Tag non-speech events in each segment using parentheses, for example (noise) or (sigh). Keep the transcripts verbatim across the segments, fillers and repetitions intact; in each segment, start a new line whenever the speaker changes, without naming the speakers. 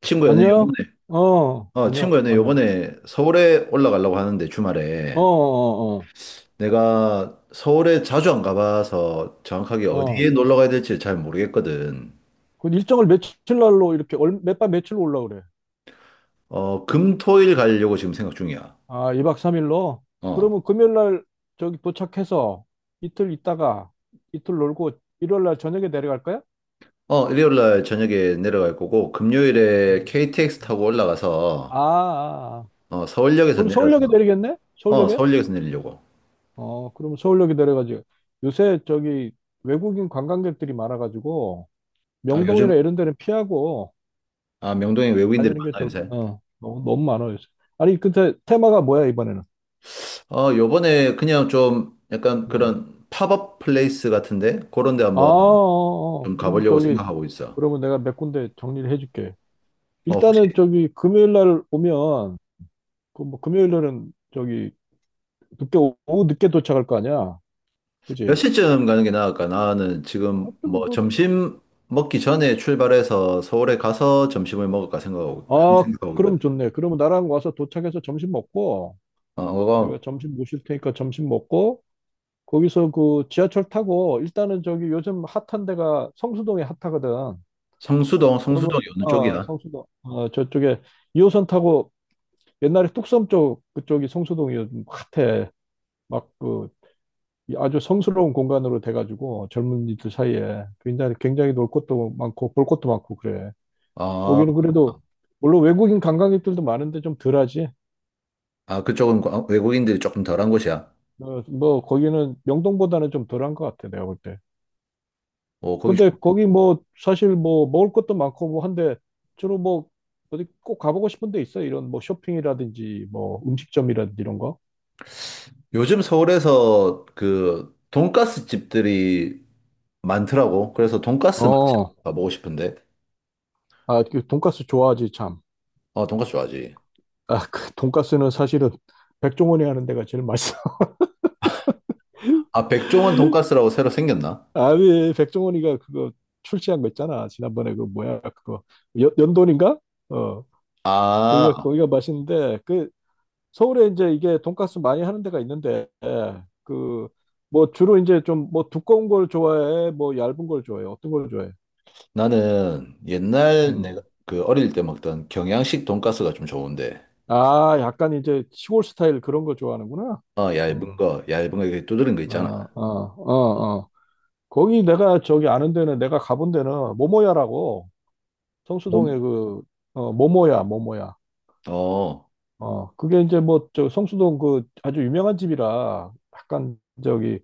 친구야 내
안녕?
요번에
어,
어 친
안녕,
구야 내
안녕.
요번에 서울에 올라가려고 하는데
어,
주말에,
어,
내가 서울에 자주 안 가봐서 정확하게
어,
어디에
어.
놀러 가야 될지 잘 모르겠거든.
그 일정을 며칠 날로 이렇게, 몇 밤 며칠로 올라 그래?
어 금토일 가려고 지금 생각 중이야.
아, 이 박 삼 일로?
어.
그러면 금요일 날 저기 도착해서 이틀 있다가 이틀 놀고 일요일 날 저녁에 내려갈 거야?
어 일요일 날 저녁에 내려갈 거고 금요일에
음.
케이티엑스
음.
타고
아, 아,
올라가서
아.
어 서울역에서
그럼 서울역에
내려서
내리겠네?
어
서울역에?
서울역에서 내리려고.
어, 그럼 서울역에 내려가지. 요새 저기 외국인 관광객들이 많아가지고
아 요즘
명동이나 이런 데는 피하고
아 명동에 외국인들이
다니는 게
많아
좋을 거.
요새.
어, 너무, 너무 많아 요새. 아니 근데 테마가 뭐야 이번에는?
어 요번에 그냥 좀 약간
음.
그런 팝업 플레이스 같은데 그런 데
아, 어,
한번
어. 어.
좀
그럼
가보려고
저기
생각하고 있어.
그러면 내가 몇 군데 정리를 해줄게.
어, 혹시
일단은 저기 금요일 날 오면 그 뭐 금요일 날은 저기 늦게 오- 오후 늦게 도착할 거 아니야,
몇
그지?
시쯤 가는 게 나을까? 나는 지금
하여튼
뭐
뭐.
점심 먹기 전에 출발해서 서울에 가서 점심을 먹을까 생각하고, 항상
아,
생각하고
그럼
있거든.
좋네. 그러면 나랑 와서 도착해서 점심 먹고
어, 그거
내가 점심 모실 테니까 점심 먹고 거기서 그 지하철 타고 일단은 저기 요즘 핫한 데가 성수동이 핫하거든.
성수동, 성수동이 어느
어,
쪽이야?
성수동. 어, 저쪽에 이 호선 타고 옛날에 뚝섬 쪽 그쪽이 성수동이 요즘 핫해. 막 그 아주 성스러운 공간으로 돼가지고 젊은이들 사이에 굉장히 굉장히 놀 곳도 많고 볼 것도 많고 그래.
아,
거기는 그래도 물론 외국인 관광객들도 많은데 좀 덜하지.
아, 그쪽은 과- 외국인들이 조금 덜한 곳이야.
어, 뭐 거기는 명동보다는 좀 덜한 것 같아 내가 볼 때.
어, 거기 좋
근데 거기 뭐 사실 뭐 먹을 것도 많고 뭐 한데 주로 뭐 어디 꼭 가보고 싶은 데 있어? 이런 뭐 쇼핑이라든지 뭐 음식점이라든지 이런 거?
요즘 서울에서 그 돈가스 집들이 많더라고. 그래서 돈가스
어,
맛집 가보고 싶은데.
아, 그 돈가스 좋아하지, 참.
어, 돈가스 좋아하지.
아, 그 돈가스는 사실은 백종원이 하는 데가 제일 맛있어. (laughs)
아, 백종원 돈가스라고 새로 생겼나?
아니, 백종원이가 그거 출시한 거 있잖아. 지난번에 그 뭐야, 그거. 연, 연돈인가? 어, 거기가,
아,
거기가 맛있는데, 그, 서울에 이제 이게 돈가스 많이 하는 데가 있는데, 그, 뭐 주로 이제 좀 뭐 두꺼운 걸 좋아해? 뭐 얇은 걸 좋아해? 어떤 걸 좋아해?
나는 옛날 내가
음.
그 어릴 때 먹던 경양식 돈가스가 좀 좋은데,
아, 약간 이제 시골 스타일 그런 걸 좋아하는구나.
어, 얇은
음.
거, 얇은 거 이렇게 두드린 거 있잖아.
아, 아, 아, 아. 거기 내가 저기 아는 데는 내가 가본 데는 모모야라고 성수동에
몸?
그 어, 모모야 모모야.
어,
어, 그게 이제 뭐 저 성수동 그 아주 유명한 집이라 약간 저기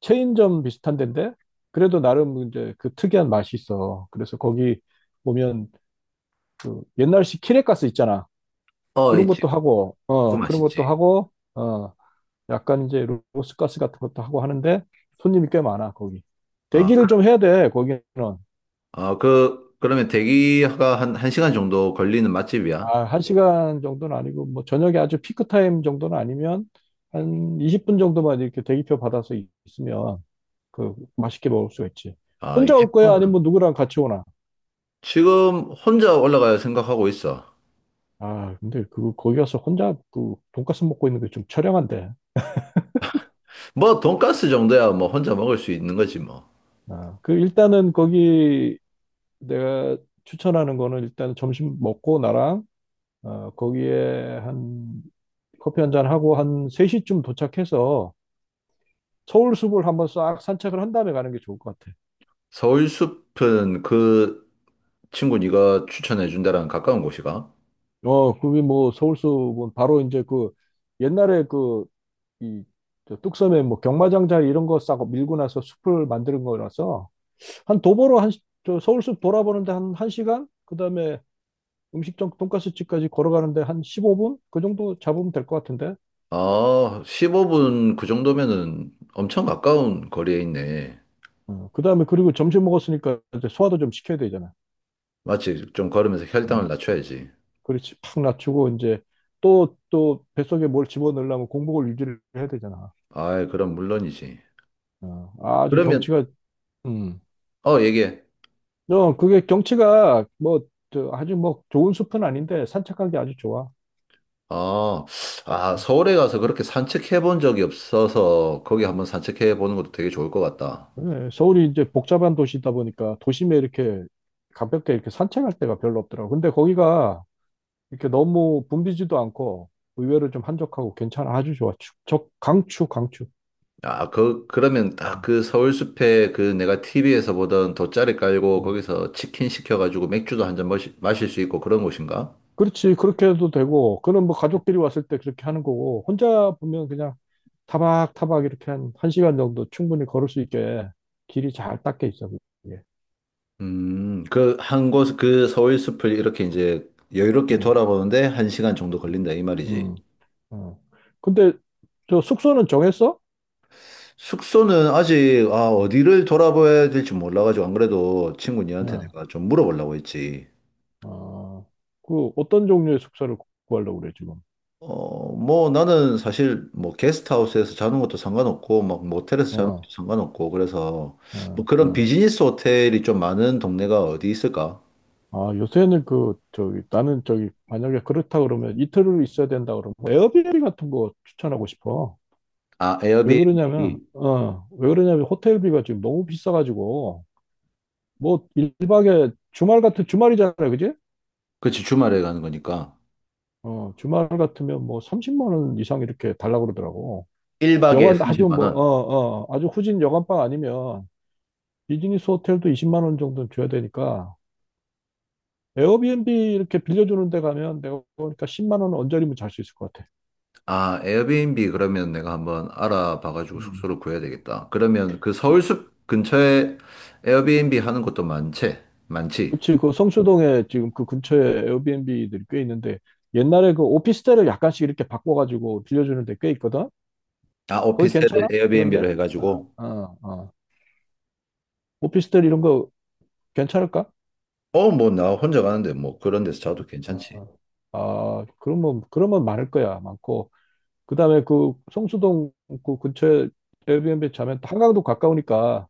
체인점 비슷한 데인데 그래도 나름 이제 그 특이한 맛이 있어. 그래서 거기 보면 그 옛날식 키레가스 있잖아.
어,
그런
있지.
것도 하고
그거
어 그런 것도
맛있지.
하고 어 약간 이제 로스가스 같은 것도 하고 하는데 손님이 꽤 많아. 거기
아,
대기를 좀
그-
해야 돼 거기는.
아, 그, 그러면 대기가 한, 한 시간 정도 걸리는 맛집이야.
아, 한 시간 정도는 아니고, 뭐, 저녁에 아주 피크타임 정도는 아니면, 한 이십 분 정도만 이렇게 대기표 받아서 있- 있으면, 그, 맛있게 먹을 수가 있지.
아,
혼자 올
이십 분.
거야? 아니면 누구랑 같이 오나?
지금 혼자 올라갈 생각하고 있어.
아, 근데 그, 거기 가서 혼자 그, 돈가스 먹고 있는 게 좀 처량한데.
뭐, 돈가스 정도야 뭐 혼자 먹을 수 있는 거지 뭐.
아, 그, 일단은 거기 내가 추천하는 거는 일단 점심 먹고 나랑, 어, 거기에 한, 커피 한 잔 하고 한 세 시쯤 도착해서 서울 숲을 한번 싹 산책을 한 다음에 가는 게 좋을 것 같아.
서울숲은 그 친구 네가 추천해 준다랑 가까운 곳이가?
어, 그게 뭐 서울숲은 바로 이제 그 옛날에 그 이 뚝섬에 뭐 경마장 자리 이런 거 싸고 밀고 나서 숲을 만드는 거라서 한 도보로 한 시- 저 서울숲 돌아보는데 한 1시간 그다음에 음식점 돈가스집까지 걸어가는데 한 십오 분 그 정도 잡으면 될 것 같은데.
아, 십오 분 그 정도면은 엄청 가까운 거리에 있네.
어, 그다음에 그리고 점심 먹었으니까 이제 소화도 좀 시켜야 되잖아.
마치 좀 걸으면서
어,
혈당을 낮춰야지.
그렇지. 팍 낮추고 이제 또 또 뱃속에 뭘 집어넣으려면 공복을 유지를 해야 되잖아.
아이, 그럼 물론이지.
어, 아주
그러면,
경치가 음,
어, 얘기해.
어, 그게 경치가 뭐, 저, 아주 뭐 좋은 숲은 아닌데 산책하기 아주 좋아.
아, 아, 서울에 가서 그렇게 산책해 본 적이 없어서 거기 한번 산책해 보는 것도 되게 좋을 것 같다.
예, 서울이 이제 복잡한 도시다 보니까 도심에 이렇게 가볍게 이렇게 산책할 데가 별로 없더라고. 근데 거기가 이렇게 너무 붐비지도 않고 의외로 좀 한적하고 괜찮아. 아주 좋아. 축, 적, 강추, 강추.
아, 그, 그러면 딱
음,
그 서울숲에 그 내가 티비에서 보던 돗자리 깔고
음.
거기서 치킨 시켜가지고 맥주도 한 잔 마실 수 있고 그런 곳인가?
그렇지. 그렇게 해도 되고, 그는 뭐 가족끼리 왔을 때 그렇게 하는 거고, 혼자 보면 그냥 타박타박 이렇게 한, 한 시간 정도 충분히 걸을 수 있게 길이 잘 닦여 있어. 그게.
음, 그, 한 곳, 그 서울 숲을 이렇게 이제 여유롭게 돌아보는데 한 시간 정도
음,
걸린다, 이 말이지.
음, 어. 근데 저 숙소는 정했어?
숙소는 아직, 아, 어디를 돌아봐야 될지 몰라가지고, 안 그래도 친구 니한테
어,
내가 좀 물어보려고 했지.
어. 그 어떤 종류의 숙소를 구- 구하려고 그래 지금?
어, 뭐 나는 사실 뭐 게스트하우스에서 자는 것도 상관없고, 막 모텔에서 자는 것도
어,
상관없고, 그래서 뭐
어,
그런
어.
비즈니스 호텔이 좀 많은 동네가 어디 있을까?
아, 요새는 그 저기 나는 저기 만약에 그렇다 그러면 이틀을 있어야 된다 그러면 에어비앤비 같은 거 추천하고 싶어.
아,
왜 그러냐면
에어비앤비.
어, 왜 그러냐면 호텔비가 지금 너무 비싸가지고 뭐 일 박에 주말 같은 주말이잖아, 그지?
그치, 주말에 가는 거니까.
어, 주말 같으면 뭐 삼십만 원 이상 이렇게 달라고 그러더라고.
일 박에
여관 아주
삼십만
뭐,
원.
어, 어, 아주 후진 여관방 아니면 비즈니스 호텔도 이십만 원 정도는 줘야 되니까 에어비앤비 이렇게 빌려주는 데 가면 내가 보니까 십만 원 언저리면 잘 수 있을 것 같아.
아, 에어비앤비 그러면 내가 한번 알아봐가지고
음.
숙소를 구해야 되겠다. 그러면 그
그-
서울숲 근처에 에어비앤비 하는 것도 많지? 많지?
그치, 그 성수동에 지금 그 근처에 에어비앤비들이 꽤 있는데 옛날에 그 오피스텔을 약간씩 이렇게 바꿔가지고 빌려주는 데 꽤 있거든?
아,
거기
오피스텔을
괜찮아? 그런데?
에어비앤비로
어,
해가지고.
어, 어. 오피스텔 이런 거 괜찮을까?
어, 뭐, 나 혼자 가는데 뭐 그런 데서 자도
어,
괜찮지.
어. 아, 그러면, 그러면 많을 거야. 많고. 그다음에 그 성수동 그 근처에 에어비앤비 자면 또 한강도 가까우니까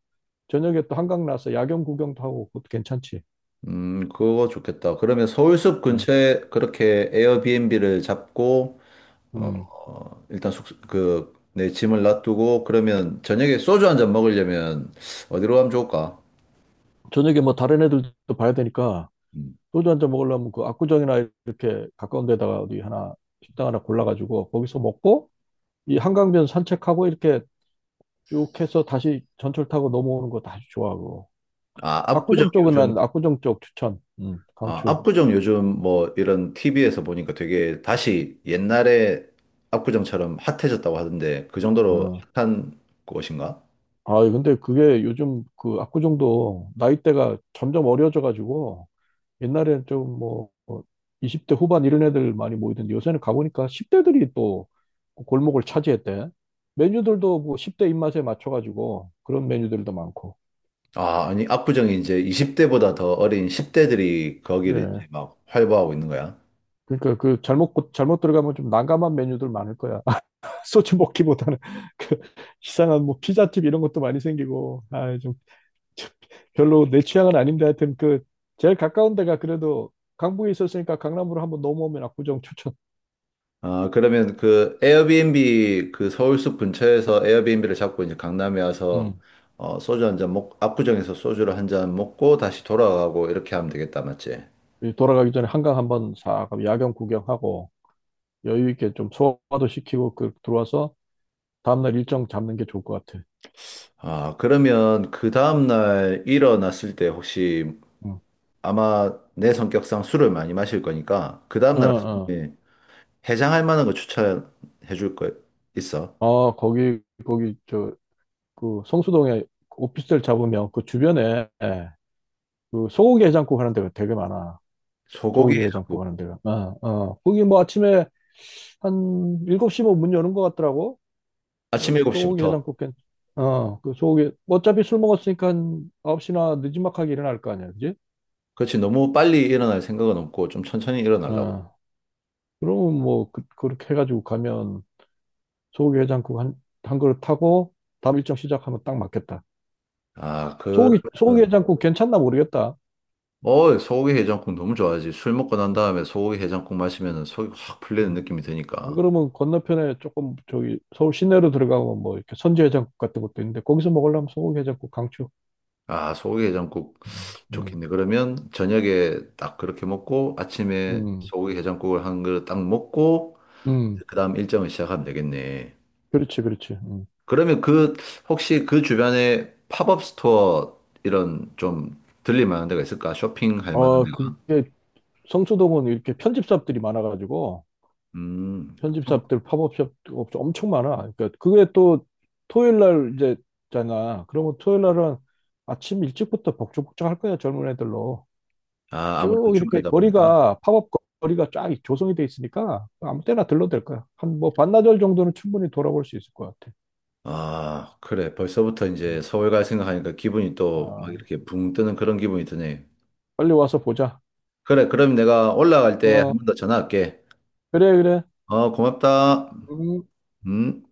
저녁에 또 한강 나서 야경 구경도 하고 그것도 괜찮지.
음, 그거 좋겠다. 그러면 서울숲
응.
근처에 그렇게 에어비앤비를 잡고,
음.
어, 일단 숙소, 그, 내 짐을 놔두고, 그러면 저녁에 소주 한 잔 먹으려면 어디로 가면 좋을까?
저녁에 뭐 다른 애들도 봐야 되니까
음.
소주 한 잔 먹으려면 그 압구정이나 이렇게 가까운 데다가 어디 하나 식당 하나 골라가지고 거기서 먹고 이 한강변 산책하고 이렇게 쭉 해서 다시 전철 타고 넘어오는 거 다시 좋아하고
아, 압구정
압구정 쪽은 난
요즘
압구정 쪽 추천. 음,
아,
강추.
압구정 요즘 뭐 이런 티비에서 보니까 되게 다시 옛날에 압구정처럼 핫해졌다고 하던데 그 정도로
어.
핫한 곳인가?
아, 근데 그게 요즘 그 압구정도 나이대가 점점 어려져가지고 옛날에는 좀 뭐 이십 대 후반 이런 애들 많이 모이던데 요새는 가보니까 십 대들이 또 골목을 차지했대. 메뉴들도 뭐 십 대 입맛에 맞춰가지고 그런 메뉴들도 많고.
아, 아니, 압구정이 이제 이십 대보다 더 어린 십 대들이 거기를 이제
그래.
막 활보하고 있는 거야.
그러니까 그 잘못, 잘못 들어가면 좀 난감한 메뉴들 많을 거야. (laughs) 소주 먹기보다는 그 이상한 뭐 피자집 이런 것도 많이 생기고. 아, (laughs) 별로 내 취향은 아닌데 하여튼 그 제일 가까운 데가 그래도 강북에 있었으니까 강남으로 한번 넘어오면 압구정 추천.
아, 그러면 그 에어비앤비 그 서울숲 근처에서 에어비앤비를 잡고 이제 강남에 와서
음.
어, 소주 한 잔 먹, 압구정에서 소주를 한잔 먹고 다시 돌아가고 이렇게 하면 되겠다, 맞지?
그 돌아가기 전에 한강 한번 싹 야경 구경하고 여유 있게 좀 소화도 시키고 그 들어와서 다음날 일정 잡는 게 좋을 것 같아.
아, 그러면 그 다음날 일어났을 때 혹시
응.
아마 내 성격상 술을 많이 마실 거니까 그
어,
다음날
어.
아침에 해장할 만한 거 추천해 줄 거 있어.
어, 거기 거기 저 그 성수동에 오피스텔 잡으면 그 주변에 그 소고기 해장국 하는 데가 되게 많아.
소고기
소고기 해장국
해장국.
하는 데가. 어, 어. 거기 뭐 아침에 한 일곱 시 뭐문 여는 것 같더라고.
아침
그래가지고 소고기
일곱 시부터.
해장국 괜 어, 그 소고기 어차피 술 먹었으니까 한 아홉 시나 늦지막하게 일어날 거 아니야, 그지?
그렇지. 너무 빨리 일어날 생각은 없고 좀 천천히 일어나려고.
어. 그러면 뭐 그, 그렇게 해가지고 가면 소고기 해장국 한, 한 그릇 타고 다음 일정 시작하면 딱 맞겠다.
아, 그러면
소고기 소고기 해장국 괜찮나 모르겠다.
어, 소고기 해장국 너무 좋아하지. 술 먹고 난
음.
다음에 소고기 해장국 마시면 속이 확 풀리는
음.
느낌이
안
드니까.
그러면 건너편에 조금 저기 서울 시내로 들어가면 뭐 이렇게 선지 해장국 같은 것도 있는데 거기서 먹으려면 소고기 해장국 강추.
아, 소고기 해장국
음, 음,
좋겠네. 그러면 저녁에 딱 그렇게 먹고 아침에
음.
소고기 해장국을 한 그릇 딱 먹고
음.
그다음 일정을 시작하면 되겠네.
그렇지, 그렇지. 음.
그러면 그 혹시 그 주변에 팝업 스토어 이런 좀 들릴 만한 데가 있을까? 쇼핑할 만한
어,
데가?
그게 성수동은 이렇게 편집샵들이 많아가지고
음.
편집샵들 팝업샵 업체 엄청 많아. 그러니까 그게 또 토요일 날 이제 잖아. 그러면 토요일 날은 아침 일찍부터 복작복작 할 거야 젊은 애들로
아, 아무래도
쭉 이렇게
주말이다 보니까.
거리가 팝업 거- 거리가 쫙 조성이 돼 있으니까 아무 때나 들러도 될 거야. 한 뭐 반나절 정도는 충분히 돌아볼 수 있을 것 같아.
아, 그래. 벌써부터
음.
이제 서울 갈 생각하니까 기분이 또 막
아,
이렇게 붕 뜨는 그런 기분이 드네.
빨리 와서 보자.
그래, 그럼 내가 올라갈 때
어,
한 번 더 전화할게.
그래 그래.
어, 고맙다.
음.
음.